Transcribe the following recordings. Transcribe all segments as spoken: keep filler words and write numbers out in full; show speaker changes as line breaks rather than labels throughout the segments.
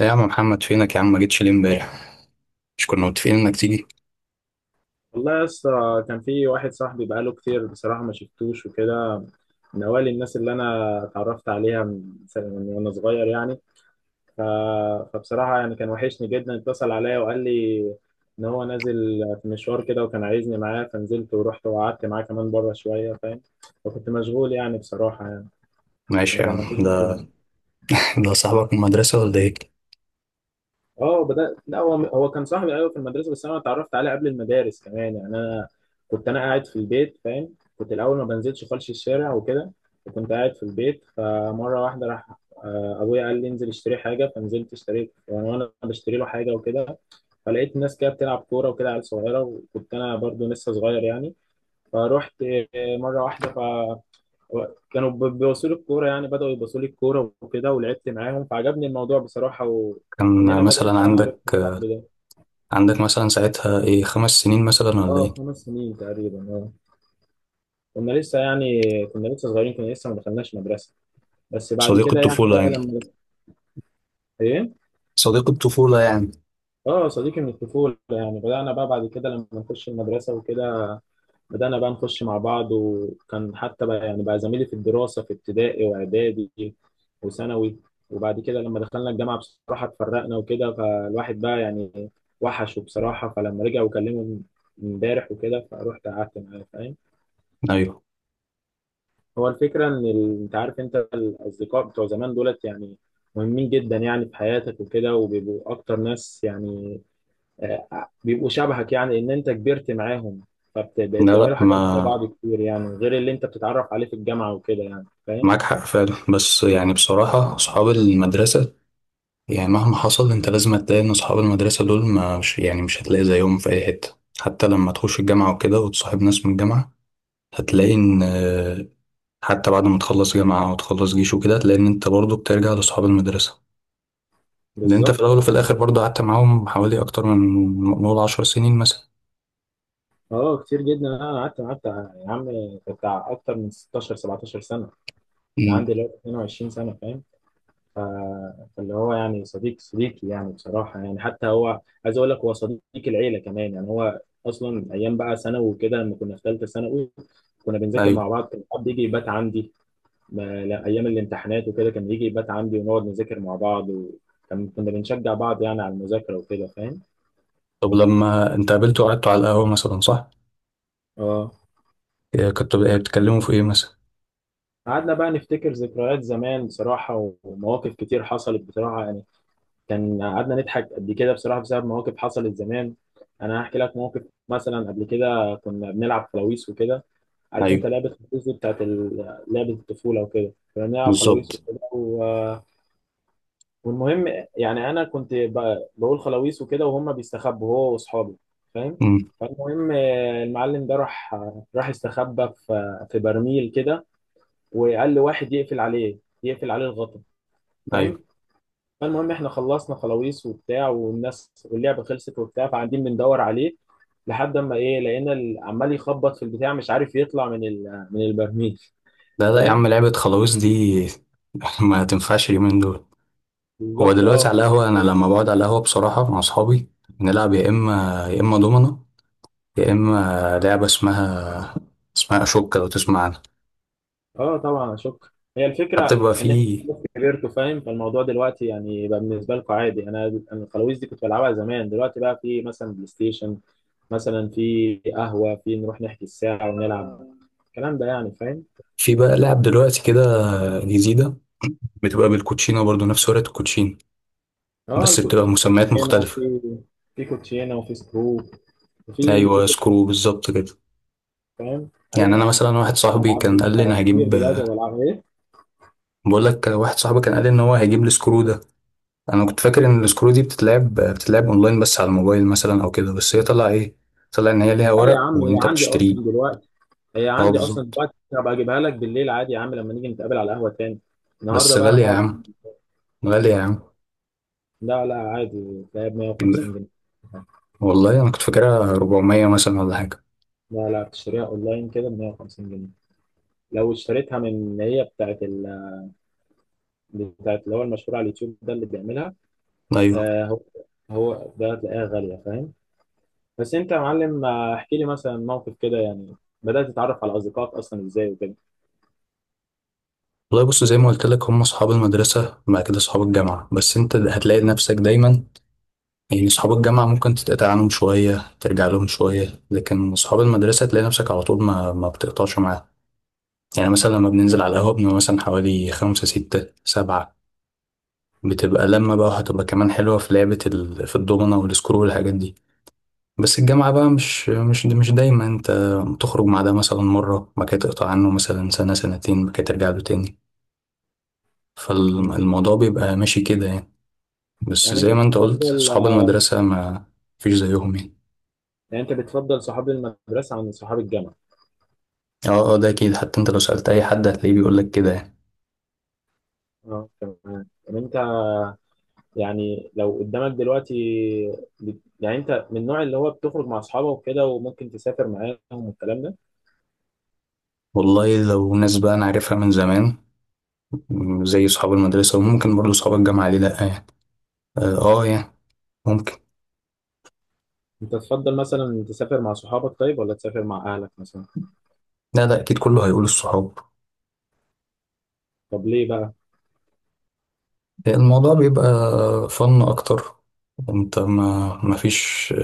إيه يا عم محمد، فينك يا عم؟ ما جيتش ليه امبارح؟ مش كنا متفقين انك تيجي؟
والله يا اسطى، كان في واحد صاحبي بقاله كتير بصراحة ما شفتوش وكده. من أوائل الناس اللي أنا اتعرفت عليها من س- من وأنا صغير يعني. ف... فبصراحة يعني كان وحشني جدا. اتصل عليا وقال لي إن هو نازل في مشوار كده وكان عايزني معاه، فنزلت ورحت وقعدت معاه كمان بره شوية فاهم. وكنت مشغول يعني بصراحة يعني. عشان
ماشي يا
كان
عم. ده ده صاحبك من المدرسة ولا ايه؟
اه بدأت، لا هو هو كان صاحبي ايوه في المدرسه، بس انا اتعرفت عليه قبل المدارس كمان يعني. انا كنت انا قاعد في البيت فاهم. كنت الاول ما بنزلش خالص الشارع وكده، وكنت قاعد في البيت. فمره واحده راح آه، ابويا قال لي انزل اشتري حاجه. فنزلت اشتريت يعني، وانا بشتري له حاجه وكده فلقيت الناس كده بتلعب كوره وكده، عيال صغيره، وكنت انا برضو لسه صغير يعني. فروحت آه، مره واحده هو كانوا ب- بيبصوا لي الكوره. يعني بداوا يبصوا لي الكوره وكده، ولعبت معاهم فعجبني الموضوع بصراحه. ومن
كان
هنا
مثلا
بدات بقى
عندك
معرفتي بصاحبي ده.
عندك مثلا ساعتها ايه، خمس سنين مثلا ولا
اه
ايه؟
خمس سنين تقريبا، اه كنا لسه يعني كنا لسه صغيرين، كنا لسه ما دخلناش مدرسه. بس بعد
صديق
كده يعني
الطفولة
بقى
يعني.
لما ايه،
صديق الطفولة يعني.
اه صديقي من الطفوله يعني. بدانا بقى بعد كده لما نخش المدرسه وكده. بدأنا بقى نخش مع بعض، وكان حتى بقى يعني بقى زميلي في الدراسة في ابتدائي وإعدادي وثانوي. وبعد كده لما دخلنا الجامعة بصراحة اتفرقنا وكده. فالواحد بقى يعني وحشه بصراحة. فلما رجع وكلمه امبارح وكده، فروحت قعدت معاه فاهم.
ايوه.
هو الفكرة إن ال- أنت عارف، أنت الأصدقاء بتوع زمان دولت يعني مهمين جدا يعني في حياتك وكده، وبيبقوا أكتر ناس يعني آه، بيبقوا شبهك. يعني ان انت كبرت معاهم،
لا،
فبقيت
لا،
تعملوا
ما
حاجات زي بعض كتير، يعني غير اللي انت بتتعرف عليه في الجامعه وكده يعني فاهم.
معاك حق فعلا، بس يعني بصراحة أصحاب المدرسة، يعني مهما حصل أنت لازم هتلاقي إن أصحاب المدرسة دول ما مش يعني مش هتلاقي زيهم في أي حتة، حتى لما تخش الجامعة وكده وتصاحب ناس من الجامعة. هتلاقي إن حتى بعد ما تخلص جامعة أو تخلص جيش وكده، لأن أنت برضو بترجع لأصحاب المدرسة. لأن أنت في
بالظبط
الأول وفي الآخر برضو قعدت معاهم حوالي أكتر من، نقول، عشر سنين مثلا.
اه، كتير جدا. انا قعدت قعدت يا عم بتاع اكتر من ستاشر 17 سنه. انا
امم.
عندي دلوقتي اتنين وعشرين سنه فاهم. فاللي هو يعني صديق صديقي يعني بصراحه يعني. حتى هو عايز اقول لك هو صديق العيله كمان يعني. هو اصلا ايام بقى ثانوي وكده لما كنا في ثالثه ثانوي كنا بنذاكر
أيوة.
مع بعض. كان حد يجي يبات عندي، ما لا ايام الامتحانات وكده كان يجي يبات عندي ونقعد نذاكر مع بعض، وكان كنا بنشجع بعض يعني على المذاكره وكده فاهم.
طب لما أنت قابلته وقعدتوا على القهوة مثلا، صح؟
اه،
إيه، كنتوا بقى بتتكلموا في إيه مثلا؟
قعدنا بقى نفتكر ذكريات زمان بصراحه، ومواقف كتير حصلت بصراحه يعني. كان قعدنا نضحك قد كده بصراحه بسبب مواقف حصلت زمان. انا هحكي لك موقف، مثلا قبل كده كنا بنلعب فلاويس وكده. عارف انت
أيوة،
لعبه الفلاويس دي بتاعت ال- لعبه الطفوله وكده. كنا بنلعب فلاويس
بالظبط.
وكده و... والمهم، يعني انا كنت ب- بقول خلاويص وكده، وهم بيستخبوا هو واصحابه فاهم.
امم.
فالمهم آه، المعلم ده راح، آه، راح استخبى في في برميل كده، وقال لواحد يقفل عليه يقفل عليه الغطا فاهم.
أيوة.
فالمهم احنا خلصنا خلاويص وبتاع، والناس واللعبه خلصت وبتاع، فقاعدين بندور عليه لحد اما ايه لقينا ال- عمال يخبط في البتاع، مش عارف يطلع من ال- من البرميل
لا، لا، يا عم،
فاهم.
لعبة خلاويص دي ما تنفعش اليومين دول. هو
بالظبط
دلوقتي
اه.
على القهوة، أنا لما بقعد على القهوة بصراحة مع أصحابي بنلعب يا إما يا إما دومنة، يا إما لعبة اسمها اسمها أشوكة، لو تسمع عنها.
اه طبعا اشك، هي
حتى
الفكره
بيبقى في
ان انت خلاص كبرتوا فاهم. فالموضوع دلوقتي يعني بقى بالنسبه لكم عادي. انا انا الخلاويز دي كنت بلعبها زمان. دلوقتي بقى في مثلا بلاي ستيشن، مثلا في قهوه في نروح نحكي الساعه ونلعب، الكلام ده يعني فاهم.
في بقى لعب دلوقتي كده، جديدة. بتبقى بالكوتشينة برضو، نفس ورقة الكوتشينة،
اه
بس
الكو-
بتبقى
في
مسميات
كوتشينه
مختلفة.
وفي في كوتشينه وفي سكرو، وفي في
أيوة، سكرو، بالظبط كده.
فاهم،
يعني أنا
ايوه يا عم.
مثلا واحد صاحبي
الالعاب
كان
دي
قال لي أنا
كتير
هجيب
دلوقتي بلعبها ايه.
بقول لك، واحد صاحبي كان قال لي إن هو هيجيب السكرو ده. أنا كنت فاكر إن السكرو دي بتتلعب بتتلعب أونلاين بس على الموبايل مثلا أو كده، بس هي طلع إيه، طلع إن هي ليها
لا يا
ورق
عم، هي
وأنت
عندي
بتشتريه.
اصلا دلوقتي هي
أه،
عندي اصلا
بالظبط.
دلوقتي، هبقى اجيبها لك بالليل عادي يا عم لما نيجي نتقابل على القهوه تاني.
بس
النهارده بقى
غالية يا
هنقعد.
عم، غالية يا عم.
لا لا، عادي تلاقيها ب ميه وخمسين جنيه.
والله أنا كنت فاكرها أربعمية مثلا ولا حاجة.
لا لا، بتشتريها اونلاين كده ب ميه وخمسين جنيه. لو اشتريتها من اللي هي بتاعت ال... بتاعت اللي هو المشهور على اليوتيوب ده اللي بيعملها،
أيوة.
آه هو، هو ده هتلاقيها غالية فاهم. بس انت يا معلم آه، احكي لي مثلا موقف كده، يعني بدأت تتعرف على اصدقائك اصلا ازاي وكده.
والله بص، زي ما قلت لك، هم اصحاب المدرسه وبعد كده اصحاب الجامعه، بس انت هتلاقي نفسك دايما. يعني اصحاب الجامعه ممكن تتقطع عنهم شويه، ترجع لهم شويه، لكن اصحاب المدرسه تلاقي نفسك على طول ما ما بتقطعش معاهم. يعني مثلا لما بننزل على القهوه، بنبقى مثلا حوالي خمسة، ستة، سبعة. بتبقى لما بقى هتبقى كمان حلوه في لعبه ال... في الدومنه والسكرو والحاجات دي. بس الجامعه بقى مش مش مش دايما انت تخرج مع ده مثلا مره، ما كده تقطع عنه مثلا سنه سنتين، ما كده ترجع له تاني،
مم.
فالموضوع بيبقى ماشي كده يعني. بس
يعني انت
زي ما انت قلت،
بتفضل
صحاب
آه،
المدرسة ما فيش زيهم يعني.
يعني انت بتفضل صحاب المدرسة عن صحاب الجامعة؟
اه، اه، ده اكيد، حتى انت لو سألت اي حد هتلاقيه بيقولك كده يعني.
اه تمام. يعني انت يعني لو قدامك دلوقتي بت- يعني انت من النوع اللي هو بتخرج مع اصحابك وكده وممكن تسافر معاهم والكلام ده.
والله لو ناس بقى انا عارفها من زمان، م، زي صحاب المدرسة، وممكن برضه صحاب الجامعة، ليه لأ يعني. اه، اه، يعني ممكن.
انت تفضل مثلا تسافر مع صحابك طيب، ولا تسافر مع اهلك مثلا؟
لا، لا، اكيد كله هيقول الصحاب.
طب ليه بقى؟
الموضوع بيبقى فن اكتر، انت ما ما فيش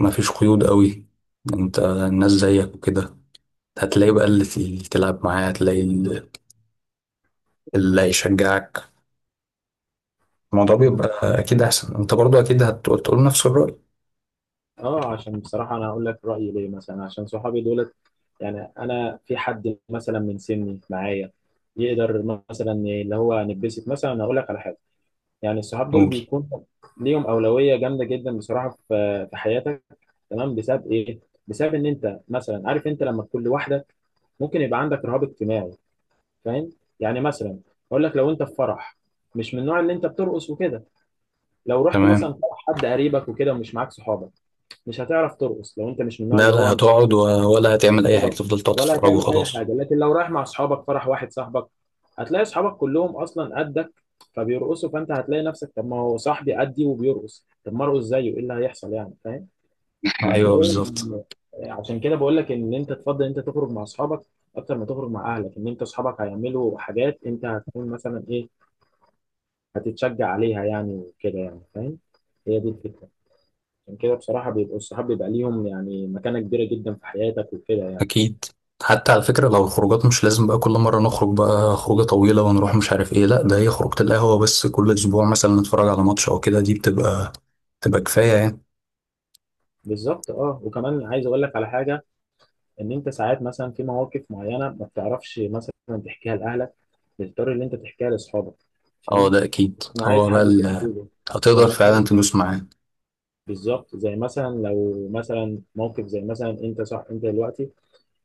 ما فيش قيود قوي. انت الناس زيك وكده، هتلاقي بقى اللي تل- تلعب معاه، هتلاقي اللي اللي هيشجعك. الموضوع
مم.
بيبقى اكيد احسن، انت برضو اكيد هتقول تقول نفس الرأي.
اه، عشان بصراحة انا هقول لك رأيي ليه. مثلا عشان صحابي دولت يعني، انا في حد مثلا من سني معايا يقدر مثلا اللي هو نتبسط. مثلا أنا اقول لك على حاجة. يعني الصحاب دول
قول.
بيكون ليهم أولوية جامدة جدا بصراحة في في حياتك تمام. بسبب ايه؟ بسبب ان انت مثلا عارف، انت لما تكون لوحدك ممكن يبقى عندك رهاب اجتماعي فاهم. يعني مثلا اقول لك، لو انت في فرح مش من النوع اللي انت بترقص وكده، لو رحت مثلا
تمام.
فرح حد قريبك وكده ومش معاك صحابك، مش هتعرف ترقص لو انت مش من النوع
لا،
اللي
لا،
هو
هتقعد و- ولا هتعمل اي حاجة،
آه،
تفضل تقعد
ولا
تتفرج
هتعمل اي
وخلاص.
حاجه. لكن لو رايح مع اصحابك فرح واحد صاحبك، هتلاقي اصحابك كلهم اصلا قدك فبيرقصوا. فانت هتلاقي نفسك، طب ما هو صاحبي قدي وبيرقص، طب ما ارقص زيه، ايه اللي هيحصل يعني فاهم.
ايوه، بالظبط.
فهتلاقيهم يعني. عشان كده بقول لك ان انت تفضل انت تخرج مع اصحابك اكتر ما تخرج مع اهلك، ان انت اصحابك هيعملوا حاجات انت هتكون مثلا ايه، هتتشجع عليها يعني وكده يعني فاهم. هي دي الفكره. عشان كده بصراحه بيبقوا الصحاب بيبقى ليهم يعني مكانه كبيره جدا في حياتك وكده يعني.
اكيد. حتى على فكرة، لو الخروجات مش لازم بقى كل مرة نخرج بقى خروجة طويلة ونروح مش عارف ايه، لا، ده هي خروجة القهوة بس، كل اسبوع مثلا نتفرج على ماتش او كده، دي بتبقى بتبقى كفاية يعني.
بالظبط اه، وكمان عايز اقول لك على حاجه. ان انت ساعات مثلا في مواقف معينه ما بتعرفش مثلا تحكيها لاهلك، بتضطر ان انت تحكيها لاصحابك
اه،
فاهم.
ده اكيد،
ما عايز
هو بقى
حد تحكي
ال-
له،
هتقدر
يعني
فعلا
مثلا
تدوس معاه.
بالظبط زي مثلا لو مثلا موقف زي مثلا، انت صح انت دلوقتي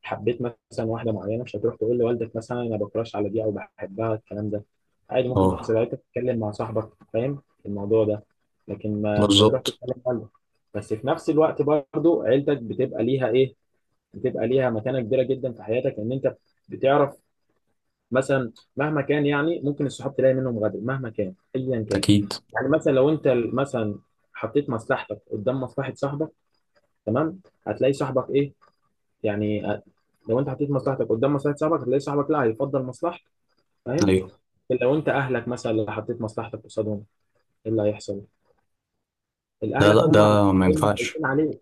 حبيت مثلا واحده معينه، مش هتروح تقول لوالدك مثلا انا بكراش على دي او بحبها الكلام ده. عادي ممكن
اه.
ساعتها تتكلم مع صاحبك فاهم الموضوع ده. لكن ما مش هتروح
بالظبط.
تتكلم لوالدك. بس في نفس الوقت برضو عيلتك بتبقى ليها ايه، بتبقى ليها مكانه كبيره جدا في حياتك. ان انت بتعرف مثلا مهما كان يعني، ممكن الصحاب تلاقي منهم غدر مهما كان ايا كان.
اكيد.
يعني مثلا لو انت مثلا حطيت مصلحتك قدام مصلحه صاحبك تمام، هتلاقي صاحبك ايه، يعني آه، لو انت حطيت مصلحتك قدام مصلحه صاحبك هتلاقي صاحبك لا هيفضل مصلحتك فاهم.
ايوه.
لو انت اهلك مثلا اللي حطيت مصلحتك قصادهم، ايه اللي هيحصل؟
لا،
الاهلك
لا،
هم
ده ما
دايما
ينفعش.
خايفين عليك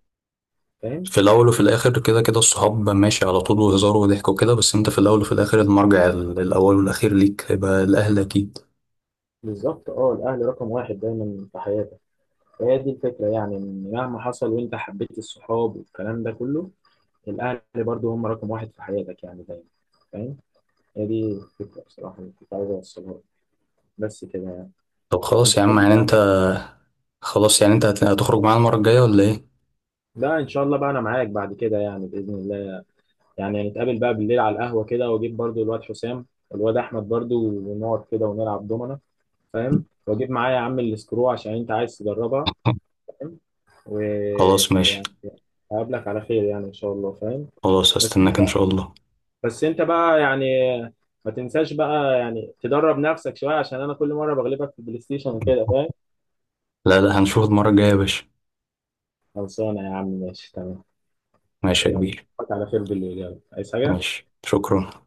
فاهم.
في الاول وفي
بز-
الاخر كده كده الصحاب ماشي على طول، وهزار وضحك وكده، بس انت في الاول وفي الاخر المرجع ال- الاول والاخير ليك هيبقى الاهل اكيد.
بالظبط اه، الاهل رقم واحد دايما في حياتك. فهي دي الفكره يعني، إن مهما حصل وانت حبيت الصحاب والكلام ده كله، الاهل برضو هم رقم واحد في حياتك يعني دايما فاهم. هي دي الفكره بصراحه اللي كنت عايز اوصلها لك. بس كده يعني
طب
ان
خلاص يا
شاء
عم،
الله
يعني انت
يعني.
خلاص يعني انت هت- هتخرج معانا المره الجايه ولا ايه؟
لا ان شاء الله، بقى انا معاك بعد كده يعني باذن الله. يعني نتقابل بقى بالليل على القهوه كده، واجيب برضو الواد حسام والواد احمد برضو، ونقعد كده ونلعب دومنه فاهم. واجيب معايا يا عم السكرو عشان انت عايز تجربها فاهم.
خلاص، ماشي.
ويعني هقابلك على خير يعني ان شاء الله فاهم.
خلاص،
بس انت
هستناك ان شاء الله.
بس انت بقى يعني ما تنساش بقى يعني تدرب نفسك شويه، عشان انا كل مره بغلبك في البلاي ستيشن وكده فاهم.
لا، لا، هنشوف المره الجايه يا باشا.
خلصانه يا عم ماشي تمام.
ماشي يا
يلا
كبير.
اشوفك على خير بالليل. يلا، عايز حاجه؟
ماشي، شكرا.